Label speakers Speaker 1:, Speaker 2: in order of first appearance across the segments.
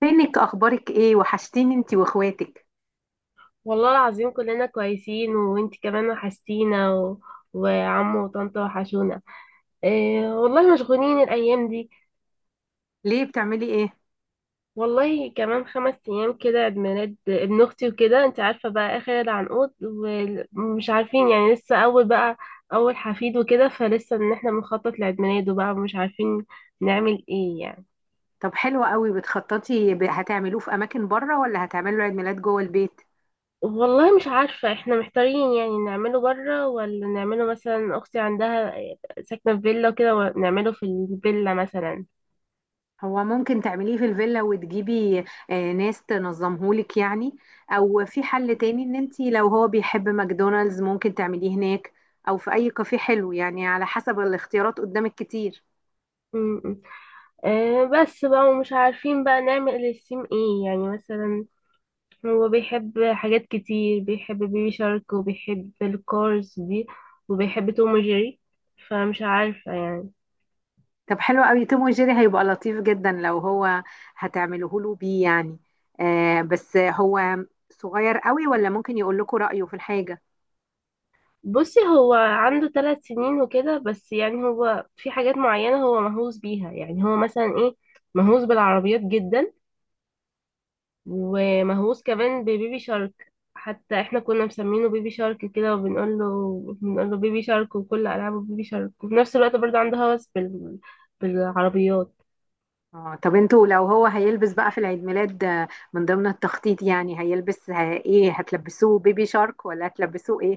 Speaker 1: فينك، اخبارك ايه؟ وحشتيني انتي واخواتك.
Speaker 2: والله العظيم كلنا كويسين وانت كمان وحشتينا وعمو وطنطا وحشونا. إيه والله مشغولين الأيام دي.
Speaker 1: ليه؟ بتعملي ايه؟
Speaker 2: والله كمان 5 أيام كده عيد ميلاد ابن أختي وكده، انت عارفة بقى آخر العنقود، ومش عارفين يعني لسه أول بقى. أول حفيد وكده، فلسه إن احنا بنخطط لعيد ميلاده بقى ومش عارفين نعمل ايه يعني.
Speaker 1: طب حلو قوي، بتخططي. هتعملوه في اماكن بره ولا هتعملوا عيد ميلاد جوه البيت؟
Speaker 2: والله مش عارفة، احنا محتارين يعني نعمله بره ولا نعمله، مثلا أختي عندها ساكنة في فيلا وكده، ونعمله في الفيلا مثلا.
Speaker 1: هو ممكن تعمليه في الفيلا وتجيبي ناس تنظمهولك يعني. او في حل تاني، ان انتي لو هو بيحب ماكدونالدز ممكن تعمليه هناك. او في اي كافيه حلو، يعني على حسب الاختيارات قدامك كتير.
Speaker 2: م-م. آه، بس بقى ومش عارفين بقى نعمل للسيم ايه يعني، مثلا هو بيحب حاجات كتير، بيحب بيبي شارك وبيحب الكارز دي وبيحب توم وجيري، فمش عارفة يعني.
Speaker 1: طب حلو قوي، توم وجيري هيبقى لطيف جدا لو هو هتعمله له بيه يعني. آه، بس هو صغير قوي، ولا ممكن يقول لكم رأيه في الحاجة؟
Speaker 2: بصي، هو عنده 3 سنين وكده، بس يعني هو في حاجات معينة هو مهووس بيها، يعني هو مثلا ايه، مهووس بالعربيات جدا، ومهووس كمان ببيبي شارك، حتى احنا كنا مسمينه بيبي شارك كده وبنقول له، بنقول له بيبي شارك، وكل العابه بيبي شارك، وفي نفس الوقت برضه عنده هوس بالعربيات.
Speaker 1: اه طب انتوا لو هو هيلبس بقى في العيد ميلاد، من ضمن التخطيط يعني هيلبس، ايه هتلبسوه بيبي شارك ولا هتلبسوه ايه؟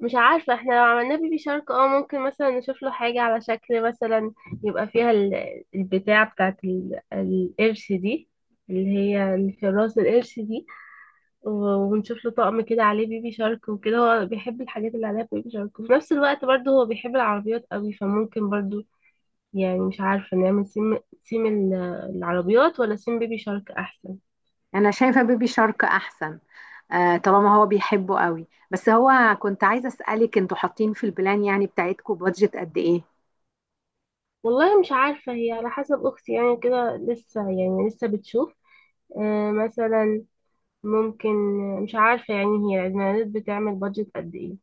Speaker 2: مش عارفه احنا لو عملنا بيبي شارك، اه ممكن مثلا نشوف له حاجه على شكل، مثلا يبقى فيها البتاع بتاعت القرش دي، اللي هي اللي في راس القرش دي، ونشوف له طقم كده عليه بيبي شارك وكده. هو بيحب الحاجات اللي عليها بيبي شارك، وفي نفس الوقت برضه هو بيحب العربيات قوي، فممكن برضه يعني مش عارفة نعمل سيم العربيات ولا سيم بيبي شارك أحسن.
Speaker 1: انا شايفة بيبي شارك احسن. آه، طالما هو بيحبه قوي. بس هو، كنت عايزة اسألك، انتوا حاطين في البلان يعني بتاعتكم بادجت قد ايه؟
Speaker 2: والله مش عارفة، هي على حسب أختي يعني، كده لسه يعني لسه بتشوف. آه، مثلا ممكن، مش عارفة يعني. هي الإعلانات بتعمل بادجت قد إيه؟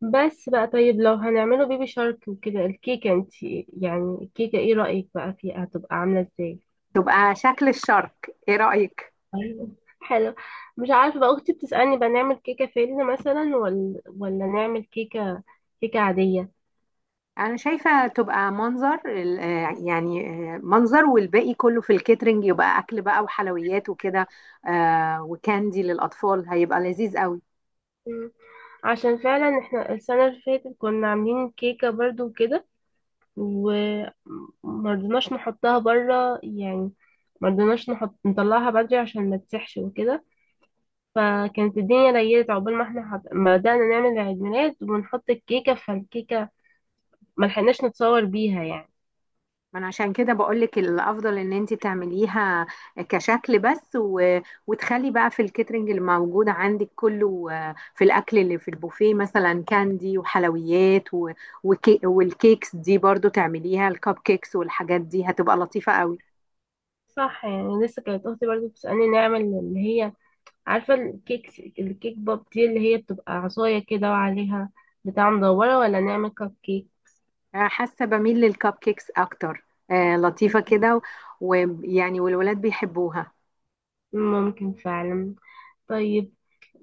Speaker 2: بس بقى، طيب لو هنعمله بيبي شارك وكده، الكيكة انت يعني، الكيكة ايه رأيك بقى فيها، هتبقى عاملة ازاي؟
Speaker 1: تبقى شكل الشارك، ايه رأيك؟
Speaker 2: ايوه، حلو. مش عارفة بقى أختي بتسألني بقى نعمل كيكة فيلم مثلا، ولا نعمل كيكة عادية.
Speaker 1: انا شايفة تبقى منظر يعني، منظر والباقي كله في الكيترينج، يبقى اكل بقى وحلويات وكده. وكاندي للاطفال هيبقى لذيذ قوي.
Speaker 2: عشان فعلا احنا السنة اللي فاتت كنا عاملين كيكة برضو وكده، ومرضناش نحطها برا يعني، مرضناش نحط، نطلعها بدري عشان ما تسحش وكده، فكانت الدنيا ليلت عقبال ما احنا ما بدأنا نعمل عيد ميلاد ونحط الكيكة، فالكيكة ما لحقناش نتصور بيها يعني.
Speaker 1: ما انا عشان كده بقولك، الافضل ان انت تعمليها كشكل بس، وتخلي بقى في الكيترينج اللي موجود عندك كله، في الاكل اللي في البوفيه مثلا كاندي وحلويات، والكيكس دي برضو تعمليها الكب كيكس والحاجات دي هتبقى لطيفة قوي.
Speaker 2: صح يعني، لسه كانت اختي برضو بتسألني نعمل اللي هي عارفة الكيك، الكيك بوب دي اللي هي بتبقى عصاية كده وعليها بتاع مدورة، ولا نعمل كب كيك.
Speaker 1: حاسه بميل للكب كيكس اكتر. لطيفه كده، ويعني والولاد بيحبوها.
Speaker 2: ممكن فعلا. طيب،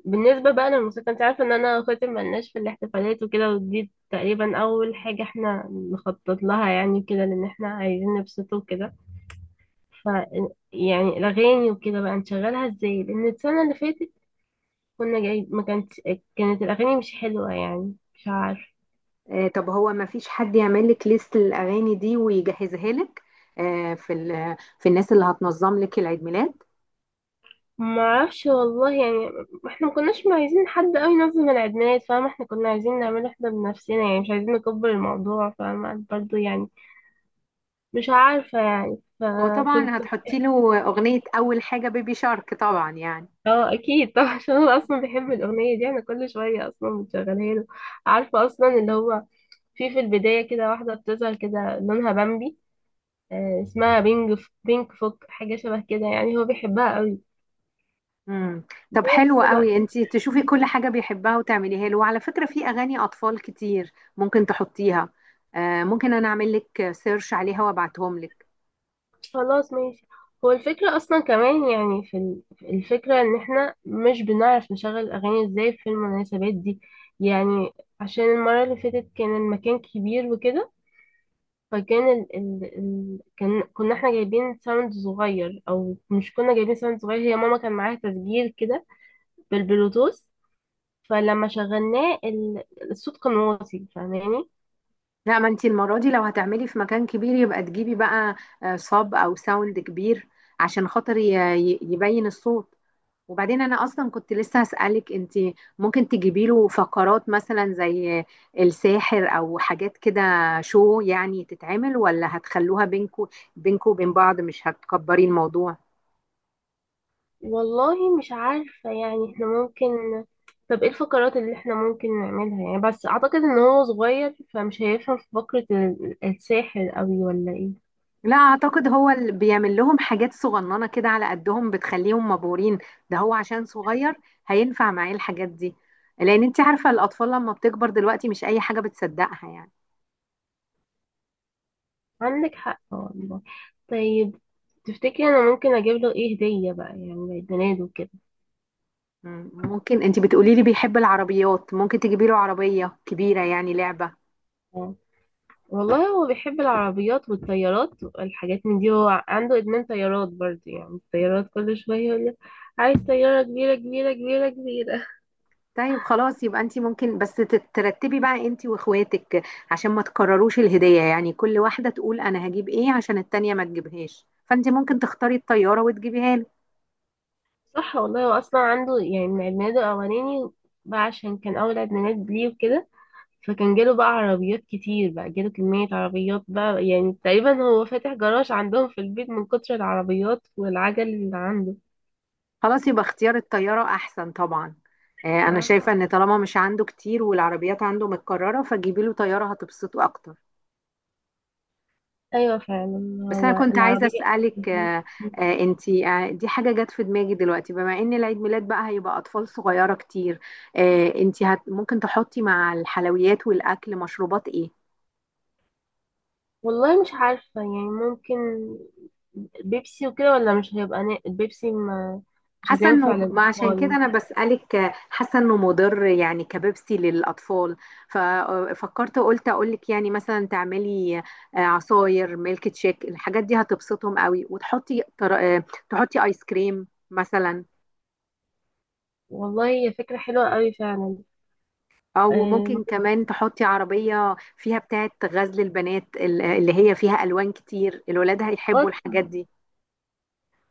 Speaker 2: بالنسبة بقى للموسيقى، انت عارفة ان انا اخواتي ملناش في الاحتفالات وكده، ودي تقريبا اول حاجة احنا نخطط لها يعني كده، لان احنا عايزين نبسطه وكده. ف يعني الاغاني وكده بقى نشغلها ازاي، لان السنة اللي فاتت كنا جاي، ما كانت، كانت الاغاني مش حلوة يعني مش عارفة.
Speaker 1: طب هو ما فيش حد يعمل لك ليست الاغاني دي ويجهزها لك؟ في الناس اللي هتنظم لك العيد ميلاد.
Speaker 2: ما اعرفش والله يعني، احنا ما كناش عايزين حد قوي ينظم العيدميلاد، فاهمة، احنا كنا عايزين نعمله احنا بنفسنا يعني، مش عايزين نكبر الموضوع فاهمة برضه يعني، مش عارفة يعني
Speaker 1: هو طبعا
Speaker 2: فكنت.
Speaker 1: هتحطي له اغنيه اول حاجه بيبي شارك طبعا يعني.
Speaker 2: اه اكيد طبعا عشان انا اصلا بحب الاغنيه دي، انا كل شويه اصلا بشغلها له. عارفه اصلا اللي هو، في البدايه كده واحده بتظهر كده لونها بامبي، آه اسمها بينج، بينك فوك حاجه شبه كده يعني، هو بيحبها قوي.
Speaker 1: امم. طب حلو
Speaker 2: بس
Speaker 1: قوي،
Speaker 2: بقى.
Speaker 1: انت تشوفي كل حاجه بيحبها وتعمليها له، وعلى فكره في اغاني اطفال كتير ممكن تحطيها. ممكن انا اعمل لك سيرش عليها وابعتهم لك.
Speaker 2: خلاص ماشي. هو الفكره اصلا كمان يعني، في الفكره ان احنا مش بنعرف نشغل الاغاني ازاي في المناسبات دي يعني، عشان المره اللي فاتت كان المكان كبير وكده، فكان كان كنا احنا جايبين ساوند صغير، او مش كنا جايبين ساوند صغير، هي ماما كان معاها تسجيل كده بالبلوتوث، فلما شغلناه الصوت كان واطي فاهماني.
Speaker 1: لا، ما انتي المرة دي لو هتعملي في مكان كبير يبقى تجيبي بقى صاب او ساوند كبير عشان خاطر يبين الصوت. وبعدين انا اصلا كنت لسه هسألك، انتي ممكن تجيبي له فقرات مثلا زي الساحر او حاجات كده شو يعني تتعمل، ولا هتخلوها بينكو؟ بينكو وبين بعض مش هتكبري الموضوع؟
Speaker 2: والله مش عارفة يعني، احنا ممكن. طب ايه الفقرات اللي احنا ممكن نعملها يعني؟ بس اعتقد ان هو صغير فمش هيفهم في فقرة الساحر قوي ولا ايه.
Speaker 1: لا، اعتقد هو اللي بيعمل لهم حاجات صغننه كده على قدهم بتخليهم مبهورين. ده هو عشان صغير هينفع معاه الحاجات دي. لان انت عارفه الاطفال لما بتكبر دلوقتي مش اي حاجه بتصدقها يعني.
Speaker 2: عندك حق والله. طيب، تفتكري انا ممكن اجيب له ايه هدية بقى يعني عيد ميلاده كده؟
Speaker 1: ممكن. انت بتقولي لي بيحب العربيات، ممكن تجيبي له عربيه كبيره يعني لعبه.
Speaker 2: والله هو بيحب العربيات والطيارات والحاجات من دي، هو عنده إدمان طيارات برضه يعني، الطيارات كل شوية يقول لي عايز طيارة كبيرة كبيرة كبيرة كبيرة.
Speaker 1: طيب خلاص، يبقى انت ممكن بس ترتبي بقى انت واخواتك، عشان ما تكرروش الهديه يعني. كل واحده تقول انا هجيب ايه عشان التانيه ما تجيبهاش، فانت ممكن تختاري الطياره وتجيبيها له.
Speaker 2: صح والله، هو أصلا عنده يعني من إدمانه الأولاني بقى، عشان كان أول إدمانات ليه وكده، فكان جاله بقى عربيات كتير، بقى جاله كمية عربيات بقى يعني، تقريبا هو فاتح جراج عندهم في البيت من كتر العربيات والعجل اللي عنده.
Speaker 1: خلاص يبقى اختيار الطيارة أحسن طبعا. أنا شايفة
Speaker 2: صح؟
Speaker 1: إن طالما مش عنده كتير والعربيات عنده متكررة فجيبي له طيارة هتبسطه أكتر.
Speaker 2: أيوة، فعلا
Speaker 1: بس أنا
Speaker 2: هو
Speaker 1: كنت عايزة
Speaker 2: العربية.
Speaker 1: أسألك، آه، آه، أنتي آه، دي حاجة جت في دماغي دلوقتي، بما إن العيد ميلاد بقى هيبقى أطفال صغيرة كتير. أنتي ممكن تحطي مع الحلويات والأكل مشروبات إيه؟
Speaker 2: والله مش عارفة يعني، ممكن بيبسي وكده، ولا مش هيبقى البيبسي ما، مش
Speaker 1: حاسه انه
Speaker 2: هتنفع
Speaker 1: ما، عشان كده
Speaker 2: للأطفال.
Speaker 1: انا بسالك، حاسه انه مضر يعني كبيبسي للاطفال. ففكرت قلت اقول لك يعني مثلا تعملي عصاير، ميلك شيك، الحاجات دي هتبسطهم قوي. وتحطي تر- تحطي ايس كريم مثلا.
Speaker 2: والله هي فكرة حلوة قوي فعلا.
Speaker 1: او
Speaker 2: اه،
Speaker 1: ممكن كمان تحطي عربيه فيها بتاعه غزل البنات اللي هي فيها الوان كتير، الولاد هيحبوا
Speaker 2: اه،
Speaker 1: الحاجات دي.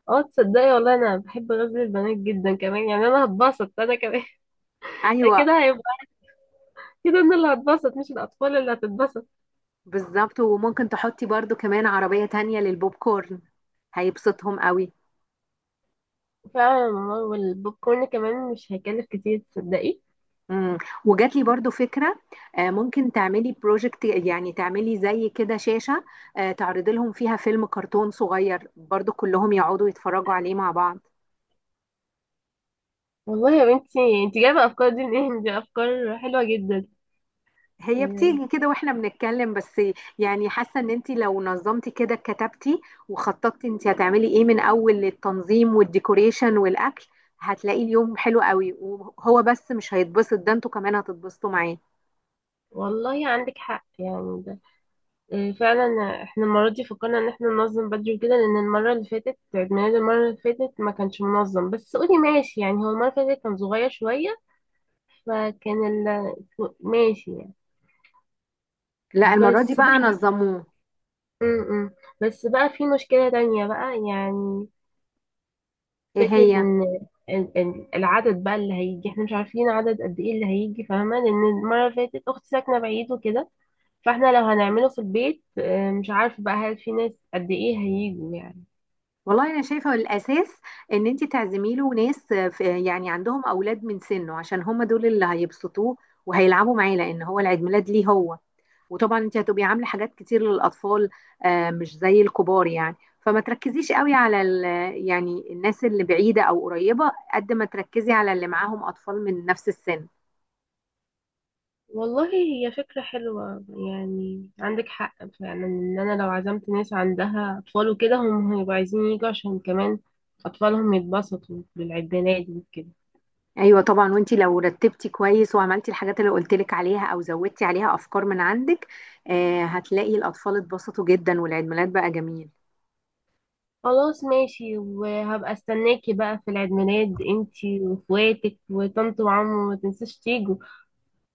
Speaker 2: آه، تصدقي والله انا بحب غزل البنات جدا كمان يعني، انا هتبسط انا كمان.
Speaker 1: ايوه،
Speaker 2: كده هيبقى، كده انا اللي هتبسط مش الاطفال اللي هتتبسط.
Speaker 1: بالظبط. وممكن تحطي برضو كمان عربيه تانية للبوب كورن، هيبسطهم قوي.
Speaker 2: فعلا والله، والبوب كورن كمان مش هيكلف كتير تصدقي.
Speaker 1: مم. وجات لي برضو فكرة. ممكن تعملي بروجكت، يعني تعملي زي كده شاشة. تعرضي لهم فيها فيلم كرتون صغير برضو كلهم يقعدوا يتفرجوا عليه مع بعض.
Speaker 2: والله يا بنتي، انت جايبه افكار دي منين، دي افكار حلوه جدا.
Speaker 1: هي
Speaker 2: آه،
Speaker 1: بتيجي كده واحنا بنتكلم بس. يعني حاسة ان انت لو نظمتي كده، كتبتي وخططتي انت هتعملي ايه من اول، للتنظيم والديكوريشن والاكل، هتلاقي اليوم حلو قوي، وهو بس مش هيتبسط، ده انتوا كمان هتتبسطوا معاه.
Speaker 2: والله عندك حق يعني ده، إيه، فعلا احنا المرة دي فكرنا ان احنا ننظم بدري كده، لان المرة اللي فاتت عيد ميلاد المرة اللي فاتت ما كانش منظم، بس قولي ماشي يعني، هو المرة اللي فاتت كان صغير شوية، فكان ماشي يعني.
Speaker 1: لا، المرة دي
Speaker 2: بس
Speaker 1: بقى
Speaker 2: بقى
Speaker 1: نظموه.
Speaker 2: م -م. بس بقى في مشكلة تانية بقى يعني.
Speaker 1: ايه
Speaker 2: فكرة
Speaker 1: هي؟
Speaker 2: ان العدد بقى اللي هيجي، احنا مش عارفين عدد قد ايه اللي هيجي فاهمة، لان المرة اللي فاتت اختي ساكنة بعيد وكده، فاحنا لو هنعمله في البيت آه، مش عارفة بقى هل في ناس قد ايه هيجوا يعني.
Speaker 1: والله انا شايفه الاساس ان انت تعزمي له ناس يعني عندهم اولاد من سنه، عشان هم دول اللي هيبسطوه وهيلعبوا معاه، لان هو العيد ميلاد ليه هو. وطبعا انت هتبقي عامله حاجات كتير للاطفال، مش زي الكبار يعني. فما تركزيش قوي على يعني الناس اللي بعيده او قريبه، قد ما تركزي على اللي معاهم اطفال من نفس السن.
Speaker 2: والله هي فكرة حلوة يعني عندك حق فعلا، ان انا لو عزمت ناس عندها اطفال وكده، هم هيبقوا عايزين يجوا عشان كمان اطفالهم يتبسطوا بالعيد ميلاد وكده.
Speaker 1: ايوه طبعا، وانت لو رتبتي كويس وعملتي الحاجات اللي قلت لك عليها او زودتي عليها افكار من عندك، هتلاقي الاطفال اتبسطوا جدا والعيد ميلاد بقى جميل.
Speaker 2: خلاص ماشي، وهبقى استناكي بقى في العيد ميلاد انتي واخواتك وطنط وعمو، ما تنساش تيجوا.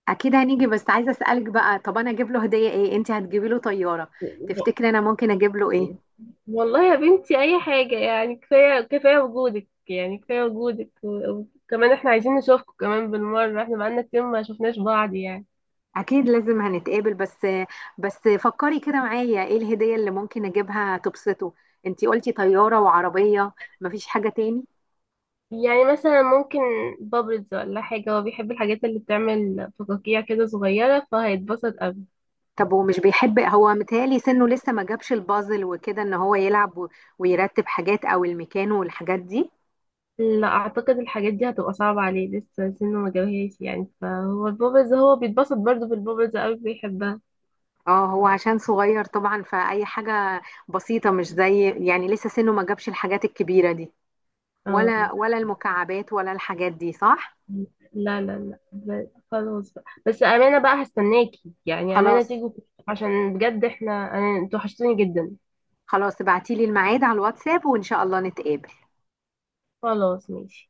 Speaker 1: اكيد هنيجي، بس عايزه اسالك بقى، طب انا اجيب له هديه ايه؟ انت هتجيبي له طياره، تفتكري انا ممكن اجيب له ايه؟
Speaker 2: والله يا بنتي اي حاجة يعني، كفاية كفاية وجودك يعني، كفاية وجودك وكمان احنا عايزين نشوفكم كمان بالمرة، احنا بقالنا كتير ما شفناش بعض يعني.
Speaker 1: اكيد لازم هنتقابل. بس بس فكري كده معايا، ايه الهديه اللي ممكن اجيبها تبسطه؟ انت قلتي طياره وعربيه، مفيش حاجه تاني؟
Speaker 2: يعني مثلا ممكن بابلز ولا حاجة، هو بيحب الحاجات اللي بتعمل فقاقيع كده صغيرة، فهيتبسط أوي.
Speaker 1: طب هو مش بيحب، هو متهيألي سنه لسه ما جابش البازل وكده، ان هو يلعب ويرتب حاجات او المكان والحاجات دي.
Speaker 2: لا أعتقد الحاجات دي هتبقى صعبة عليه، لسه سنه ما جابهاش يعني، فهو البابلز هو بيتبسط برضه بالبابلز أوي بيحبها.
Speaker 1: اه، هو عشان صغير طبعا، فأي حاجة بسيطة. مش زي يعني لسه سنه ما جابش الحاجات الكبيرة دي،
Speaker 2: اه اه،
Speaker 1: ولا المكعبات ولا الحاجات دي، صح؟
Speaker 2: لا لا لا خلاص بقى، بس أمانة بقى هستناكي يعني، أمانة
Speaker 1: خلاص
Speaker 2: تيجي. عشان بجد احنا، أنا انتوا وحشتوني جدا.
Speaker 1: خلاص، ابعتيلي الميعاد على الواتساب وإن شاء الله نتقابل.
Speaker 2: خلاص ماشي.